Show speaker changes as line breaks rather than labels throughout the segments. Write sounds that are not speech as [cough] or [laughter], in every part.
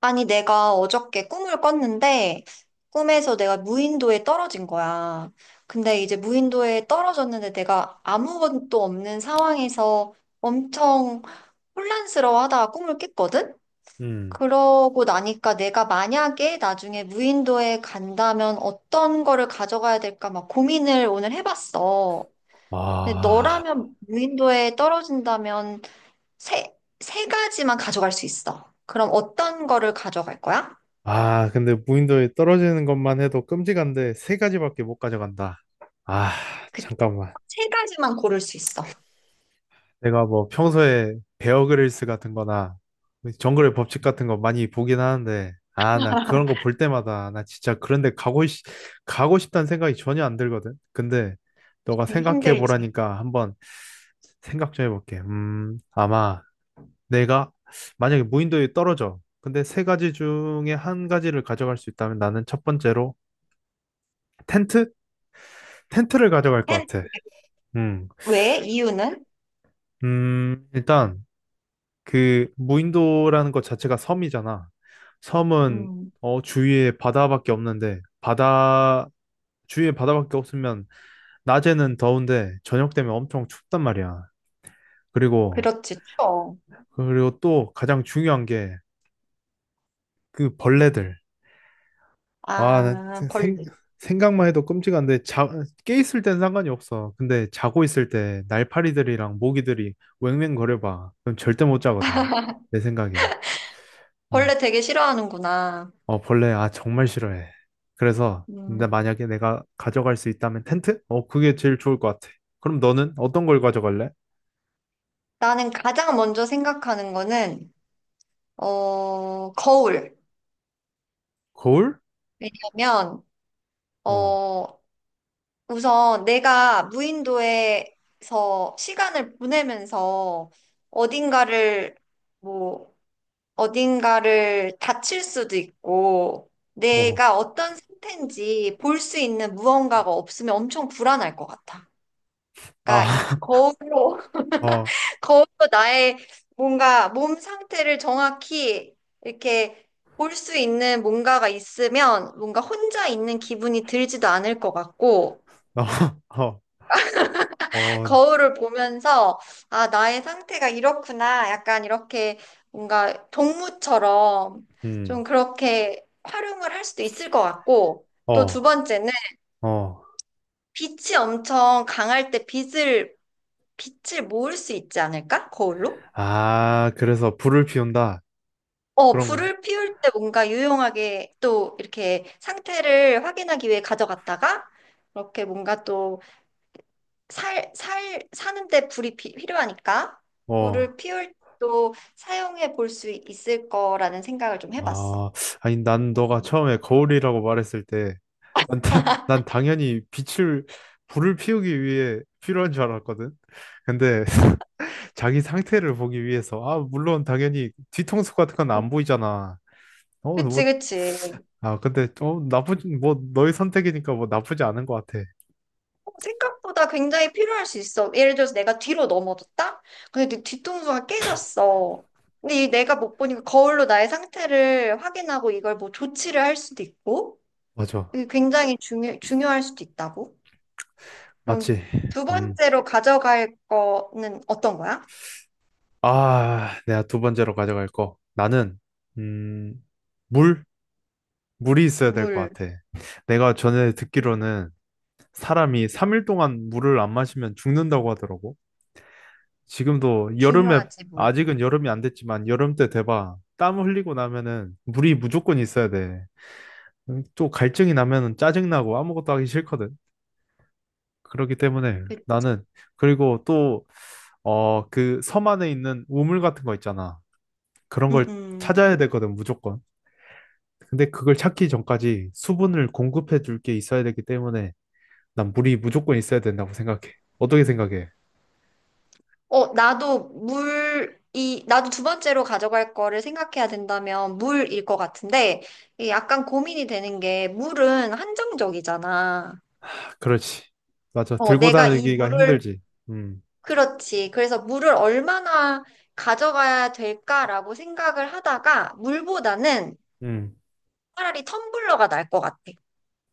아니, 내가 어저께 꿈을 꿨는데, 꿈에서 내가 무인도에 떨어진 거야. 근데 이제 무인도에 떨어졌는데 내가 아무것도 없는 상황에서 엄청 혼란스러워하다가 꿈을 깼거든?
음.
그러고 나니까 내가 만약에 나중에 무인도에 간다면 어떤 거를 가져가야 될까 막 고민을 오늘 해봤어. 근데
아,
너라면 무인도에 떨어진다면 세 가지만 가져갈 수 있어. 그럼 어떤 거를 가져갈 거야?
아, 근데 무인도에 떨어지는 것만 해도 끔찍한데 세 가지밖에 못 가져간다. 아,
그
잠깐만.
세 가지만 고를 수 있어.
내가 뭐 평소에 베어그릴스 같은 거나 정글의 법칙 같은 거 많이 보긴 하는데, 아, 나 그런 거 볼 때마다 나 진짜 그런데 가고 싶다는 생각이 전혀 안 들거든. 근데 너가
네,
생각해
힘들지.
보라니까 한번 생각 좀 해볼게. 아마 내가 만약에 무인도에 떨어져. 근데 세 가지 중에 한 가지를 가져갈 수 있다면 나는 첫 번째로 텐트? 텐트를 가져갈 것
햄.
같아. 음.
왜? 이유는?
일단 그 무인도라는 것 자체가 섬이잖아. 섬은
음,
어, 주위에 바다밖에 없는데, 바다 주위에 바다밖에 없으면 낮에는 더운데 저녁 되면 엄청 춥단 말이야. 그리고
그렇지, 추워.
또 가장 중요한 게 그 벌레들. 아, 나
아, 벌레.
각만 해도 끔찍한데, 깨 있을 땐 상관이 없어. 근데 자고 있을 때 날파리들이랑 모기들이 웽웽거려봐. 그럼 절대 못 자거든. 내 생각에. 음.
벌레 되게 싫어하는구나.
어, 벌레, 아, 정말 싫어해. 그래서, 근데
음,
만약에 내가 가져갈 수 있다면 텐트? 어, 그게 제일 좋을 것 같아. 그럼 너는 어떤 걸 가져갈래?
나는 가장 먼저 생각하는 거는, 거울.
거울?
왜냐면,
어,
어, 우선 내가 무인도에서 시간을 보내면서 어딘가를 뭐, 어딘가를 다칠 수도 있고,
어,
내가 어떤 상태인지 볼 수 있는 무언가가 없으면 엄청 불안할 것 같아. 그러니까
아, [laughs]
거울로,
어,
[laughs] 거울로 나의 뭔가 몸 상태를 정확히 이렇게 볼 수 있는 뭔가가 있으면 뭔가 혼자 있는 기분이 들지도 않을 것 같고,
어, 어, 어,
거울을 보면서, 아, 나의 상태가 이렇구나. 약간 이렇게 뭔가 동무처럼 좀
음,
그렇게 활용을 할 수도 있을 것 같고, 또 두
어,
번째는
어.
빛이 엄청 강할 때 빛을 모을 수 있지 않을까? 거울로?
아, 그래서 불을 피운다.
어,
그런 거.
불을 피울 때 뭔가 유용하게 또 이렇게 상태를 확인하기 위해 가져갔다가, 이렇게 뭔가 또 사는데 불이 필요하니까
어,
불을 피울 또 사용해 볼 수 있을 거라는 생각을 좀 해봤어.
아, 아니, 난 너가
음.
처음에 거울이라고 말했을 때, 난, 다- [laughs] 난 당연히 빛을, 불을 피우기 위해 필요한 줄 알았거든. 근데 [laughs] 자기 상태를 보기 위해서, 아, 물론 당연히 뒤통수 같은 건 안 보이잖아. 어,
그치,
뭐,
그치.
아, 근데, 어, 나쁘지, 뭐, 너의 선택이니까 뭐 나쁘지 않은 것 같아.
생각보다 굉장히 필요할 수 있어. 예를 들어서 내가 뒤로 넘어졌다? 근데 내 뒤통수가 깨졌어. 근데 이 내가 못 보니까 거울로 나의 상태를 확인하고 이걸 뭐 조치를 할 수도 있고,
맞아.
이게 굉장히 중요할 수도 있다고. 그럼
맞지.
두
음.
번째로 가져갈 거는 어떤 거야?
아, 내가 두 번째로 가져갈 거. 나는, 음, 물? 물이 있어야 될 것
물
같아. 내가 전에 듣기로는 사람이 3일 동안 물을 안 마시면 죽는다고 하더라고. 지금도 여름에,
중요하지, 물.
아직은 여름이 안 됐지만 여름 때 돼봐. 땀 흘리고 나면은 물이 무조건 있어야 돼. 또 갈증이 나면은 짜증나고 아무것도 하기 싫거든. 그렇기 때문에
그-
나는, 그리고 또, 어, 그 섬 안에 있는 우물 같은 거 있잖아. 그런
음,
걸
음.
찾아야 되거든, 무조건. 근데 그걸 찾기 전까지 수분을 공급해 줄 게 있어야 되기 때문에 난 물이 무조건 있어야 된다고 생각해. 어떻게 생각해?
나도 두 번째로 가져갈 거를 생각해야 된다면 물일 것 같은데, 이게 약간 고민이 되는 게, 물은 한정적이잖아.
아, 그렇지. 맞아. 들고
내가 이
다니기가
물을,
힘들지. 음,
그렇지. 그래서 물을 얼마나 가져가야 될까라고 생각을 하다가, 물보다는
음.
차라리 텀블러가 날 것 같아.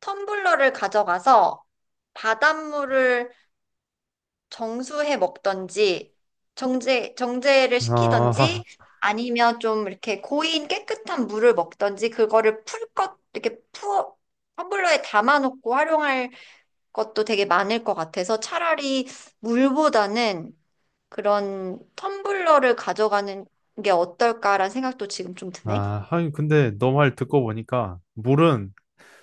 텀블러를 가져가서 바닷물을 정수해 먹던지 정제를
아,
시키던지 아니면 좀 이렇게 고인 깨끗한 물을 먹던지 그거를 풀 것 이렇게 푸어 텀블러에 담아놓고 활용할 것도 되게 많을 것 같아서 차라리 물보다는 그런 텀블러를 가져가는 게 어떨까라는 생각도 지금 좀 드네.
아, 하긴 근데 너 말 듣고 보니까 물은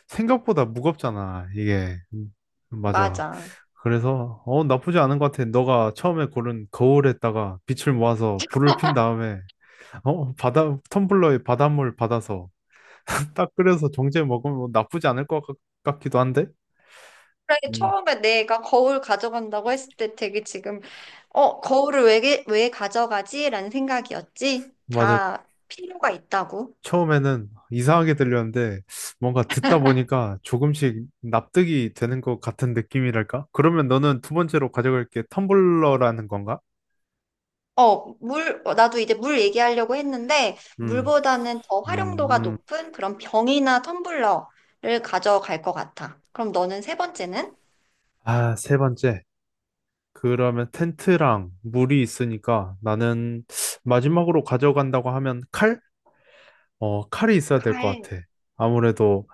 생각보다 무겁잖아. 이게. 맞아.
맞아.
그래서 어 나쁘지 않은 것 같아. 너가 처음에 고른 거울에다가 빛을 모아서 불을 핀 다음에 어 바다 텀블러에 바닷물 받아서 [laughs] 딱 끓여서 정제 먹으면 뭐 나쁘지 않을 것 같- 같기도 한데.
그래,
음.
처음에 내가 거울 가져간다고 했을 때 되게 지금, 거울을 왜 가져가지? 라는 생각이었지.
맞아.
다 필요가 있다고.
처음에는 이상하게 들렸는데 뭔가 듣다 보니까 조금씩 납득이 되는 것 같은 느낌이랄까? 그러면 너는 두 번째로 가져갈 게 텀블러라는 건가?
나도 이제 물 얘기하려고 했는데,
음,
물보다는 더
음,
활용도가
음.
높은 그런 병이나 텀블러를 가져갈 것 같아. 그럼 너는 세 번째는?
아, 세 번째. 그러면 텐트랑 물이 있으니까 나는 마지막으로 가져간다고 하면 칼? 어, 칼이 있어야 될 것
가해.
같아. 아무래도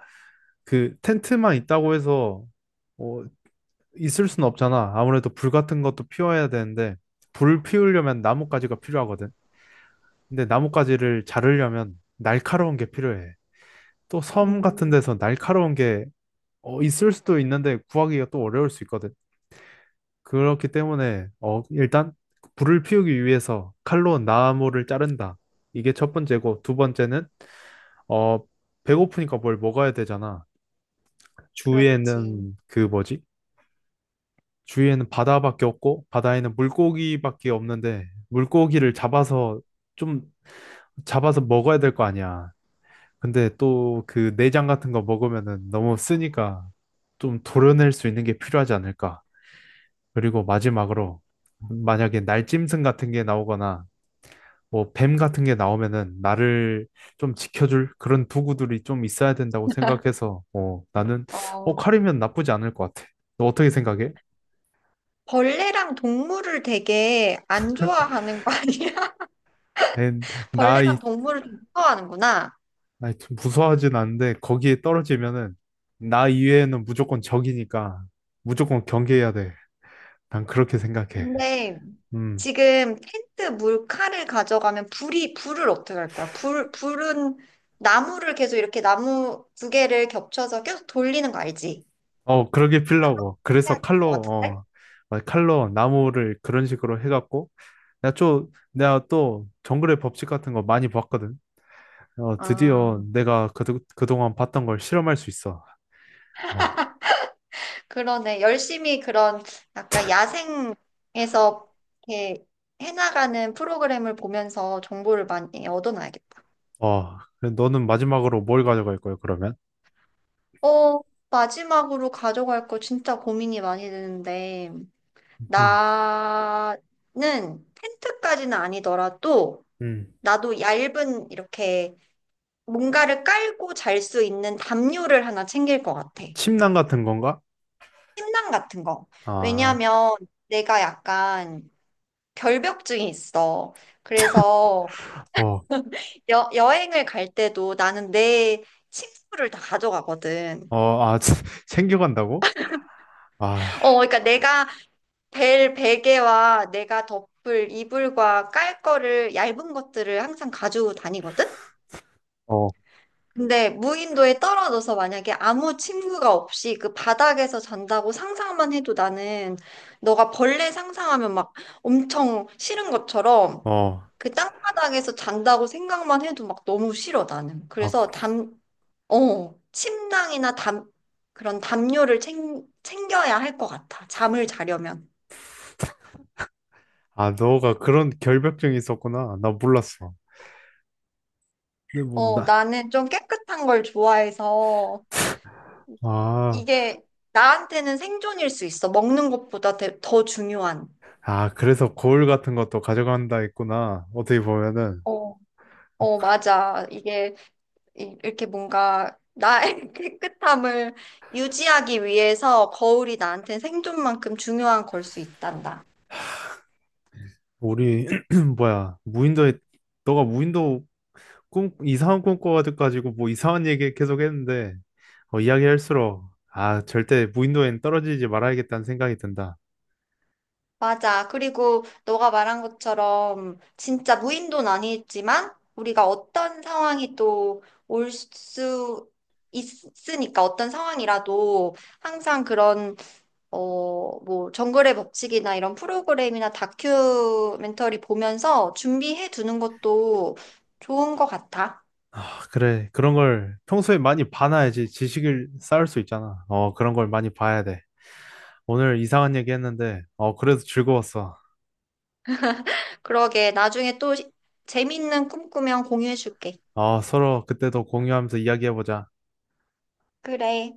그 텐트만 있다고 해서 어, 있을 순 없잖아. 아무래도 불 같은 것도 피워야 되는데 불 피우려면 나뭇가지가 필요하거든. 근데 나뭇가지를 자르려면 날카로운 게 필요해. 또 섬 같은
음,
데서 날카로운 게 어, 있을 수도 있는데 구하기가 또 어려울 수 있거든. 그렇기 때문에 어, 일단 불을 피우기 위해서 칼로 나무를 자른다. 이게 첫 번째고 두 번째는 어, 배고프니까 뭘 먹어야 되잖아.
그렇지.
주위에는 그 뭐지? 주위에는 바다밖에 없고 바다에는 물고기밖에 없는데 물고기를 잡아서 좀 잡아서 먹어야 될 거 아니야. 근데 또 그 내장 같은 거 먹으면은 너무 쓰니까 좀 도려낼 수 있는 게 필요하지 않을까. 그리고 마지막으로 만약에 날짐승 같은 게 나오거나 뭐 뱀 같은 게 나오면은 나를 좀 지켜줄 그런 도구들이 좀 있어야 된다고 생각해서 어, 나는 어,
어,
칼이면 나쁘지 않을 것 같아. 너 어떻게 생각해?
벌레랑 동물을 되게 안 좋아하는 거 아니야?
에,
[laughs] 벌레랑
나이
동물을 좀 무서워하는구나.
아이, 좀 무서워하진 않은데 거기에 떨어지면은 나 이외에는 무조건 적이니까 무조건 경계해야 돼. 난 그렇게 생각해.
근데
음.
지금 텐트 물칼을 가져가면 불을 어떻게 할 거야? 불은 나무를 계속 이렇게 나무 두 개를 겹쳐서 계속 돌리는 거 알지?
어, 그러게 필라고.
해야
그래서
될 것
칼로,
같은데?
어, 막 칼로 나무를 그런 식으로 해갖고, 내가 또 정글의 법칙 같은 거 많이 봤거든. 어, 드디어
아,
내가 그동안 봤던 걸 실험할 수 있어. 어,
그러네. 열심히 그런 약간 야생에서 이렇게 해나가는 프로그램을 보면서 정보를 많이 얻어놔야겠다.
어, 그 너는 마지막으로 뭘 가져갈 거야, 그러면?
어, 마지막으로 가져갈 거 진짜 고민이 많이 되는데,
음,
나는 텐트까지는 아니더라도,
음.
나도 얇은 이렇게 뭔가를 깔고 잘 수 있는 담요를 하나 챙길 것 같아.
침낭 같은 건가?
침낭 같은 거.
아,
왜냐하면 내가 약간 결벽증이 있어. 그래서
어,
여행을 갈 때도 나는 내 침구를 다 가져가거든.
어, 아, [laughs] 챙겨간다고? 아,
그러니까 내가 벨 베개와 내가 덮을 이불과 깔 거를 얇은 것들을 항상 가지고 다니거든.
어,
근데 무인도에 떨어져서 만약에 아무 친구가 없이 그 바닥에서 잔다고 상상만 해도 나는 너가 벌레 상상하면 막 엄청 싫은 것처럼
어.
그 땅바닥에서 잔다고 생각만 해도 막 너무 싫어 나는.
아, 그-
그래서 침낭이나 그런 담요를 챙겨야 할 것 같아. 잠을 자려면.
아, 너가 그런 결벽증이 있었구나. 나 몰랐어. 근데 뭐,
어,
나,
나는 좀 깨끗한 걸 좋아해서
아.
이게 나한테는 생존일 수 있어. 먹는 것보다 더 더 중요한.
아, 그래서 거울 같은 것도 가져간다 했구나. 어떻게 보면은
어. 어, 맞아. 이게 이렇게 뭔가 나의 [laughs] 깨끗함을 유지하기 위해서 거울이 나한테 생존만큼 중요한 걸 수 있단다.
우리 [clears throat] 뭐야 무인도에 너가 무인도 꿈 이상한 꿈 꿔가지고 뭐 이상한 얘기 계속 했는데 어, 이야기할수록 아 절대 무인도엔 떨어지지 말아야겠다는 생각이 든다.
맞아. 그리고 너가 말한 것처럼 진짜 무인도는 아니지만 우리가 어떤 상황이 또 올 수 있으니까 어떤 상황이라도 항상 그런 정글의 법칙이나 이런 프로그램이나 다큐멘터리 보면서 준비해 두는 것도 좋은 것 같아.
아 그래 그런 걸 평소에 많이 봐놔야지 지식을 쌓을 수 있잖아. 어 그런 걸 많이 봐야 돼. 오늘 이상한 얘기 했는데 어 그래도 즐거웠어.
그러게, 나중에 또 재밌는 꿈 꾸면 공유해 줄게.
어 서로 그때 더 공유하면서 이야기해보자.
그래.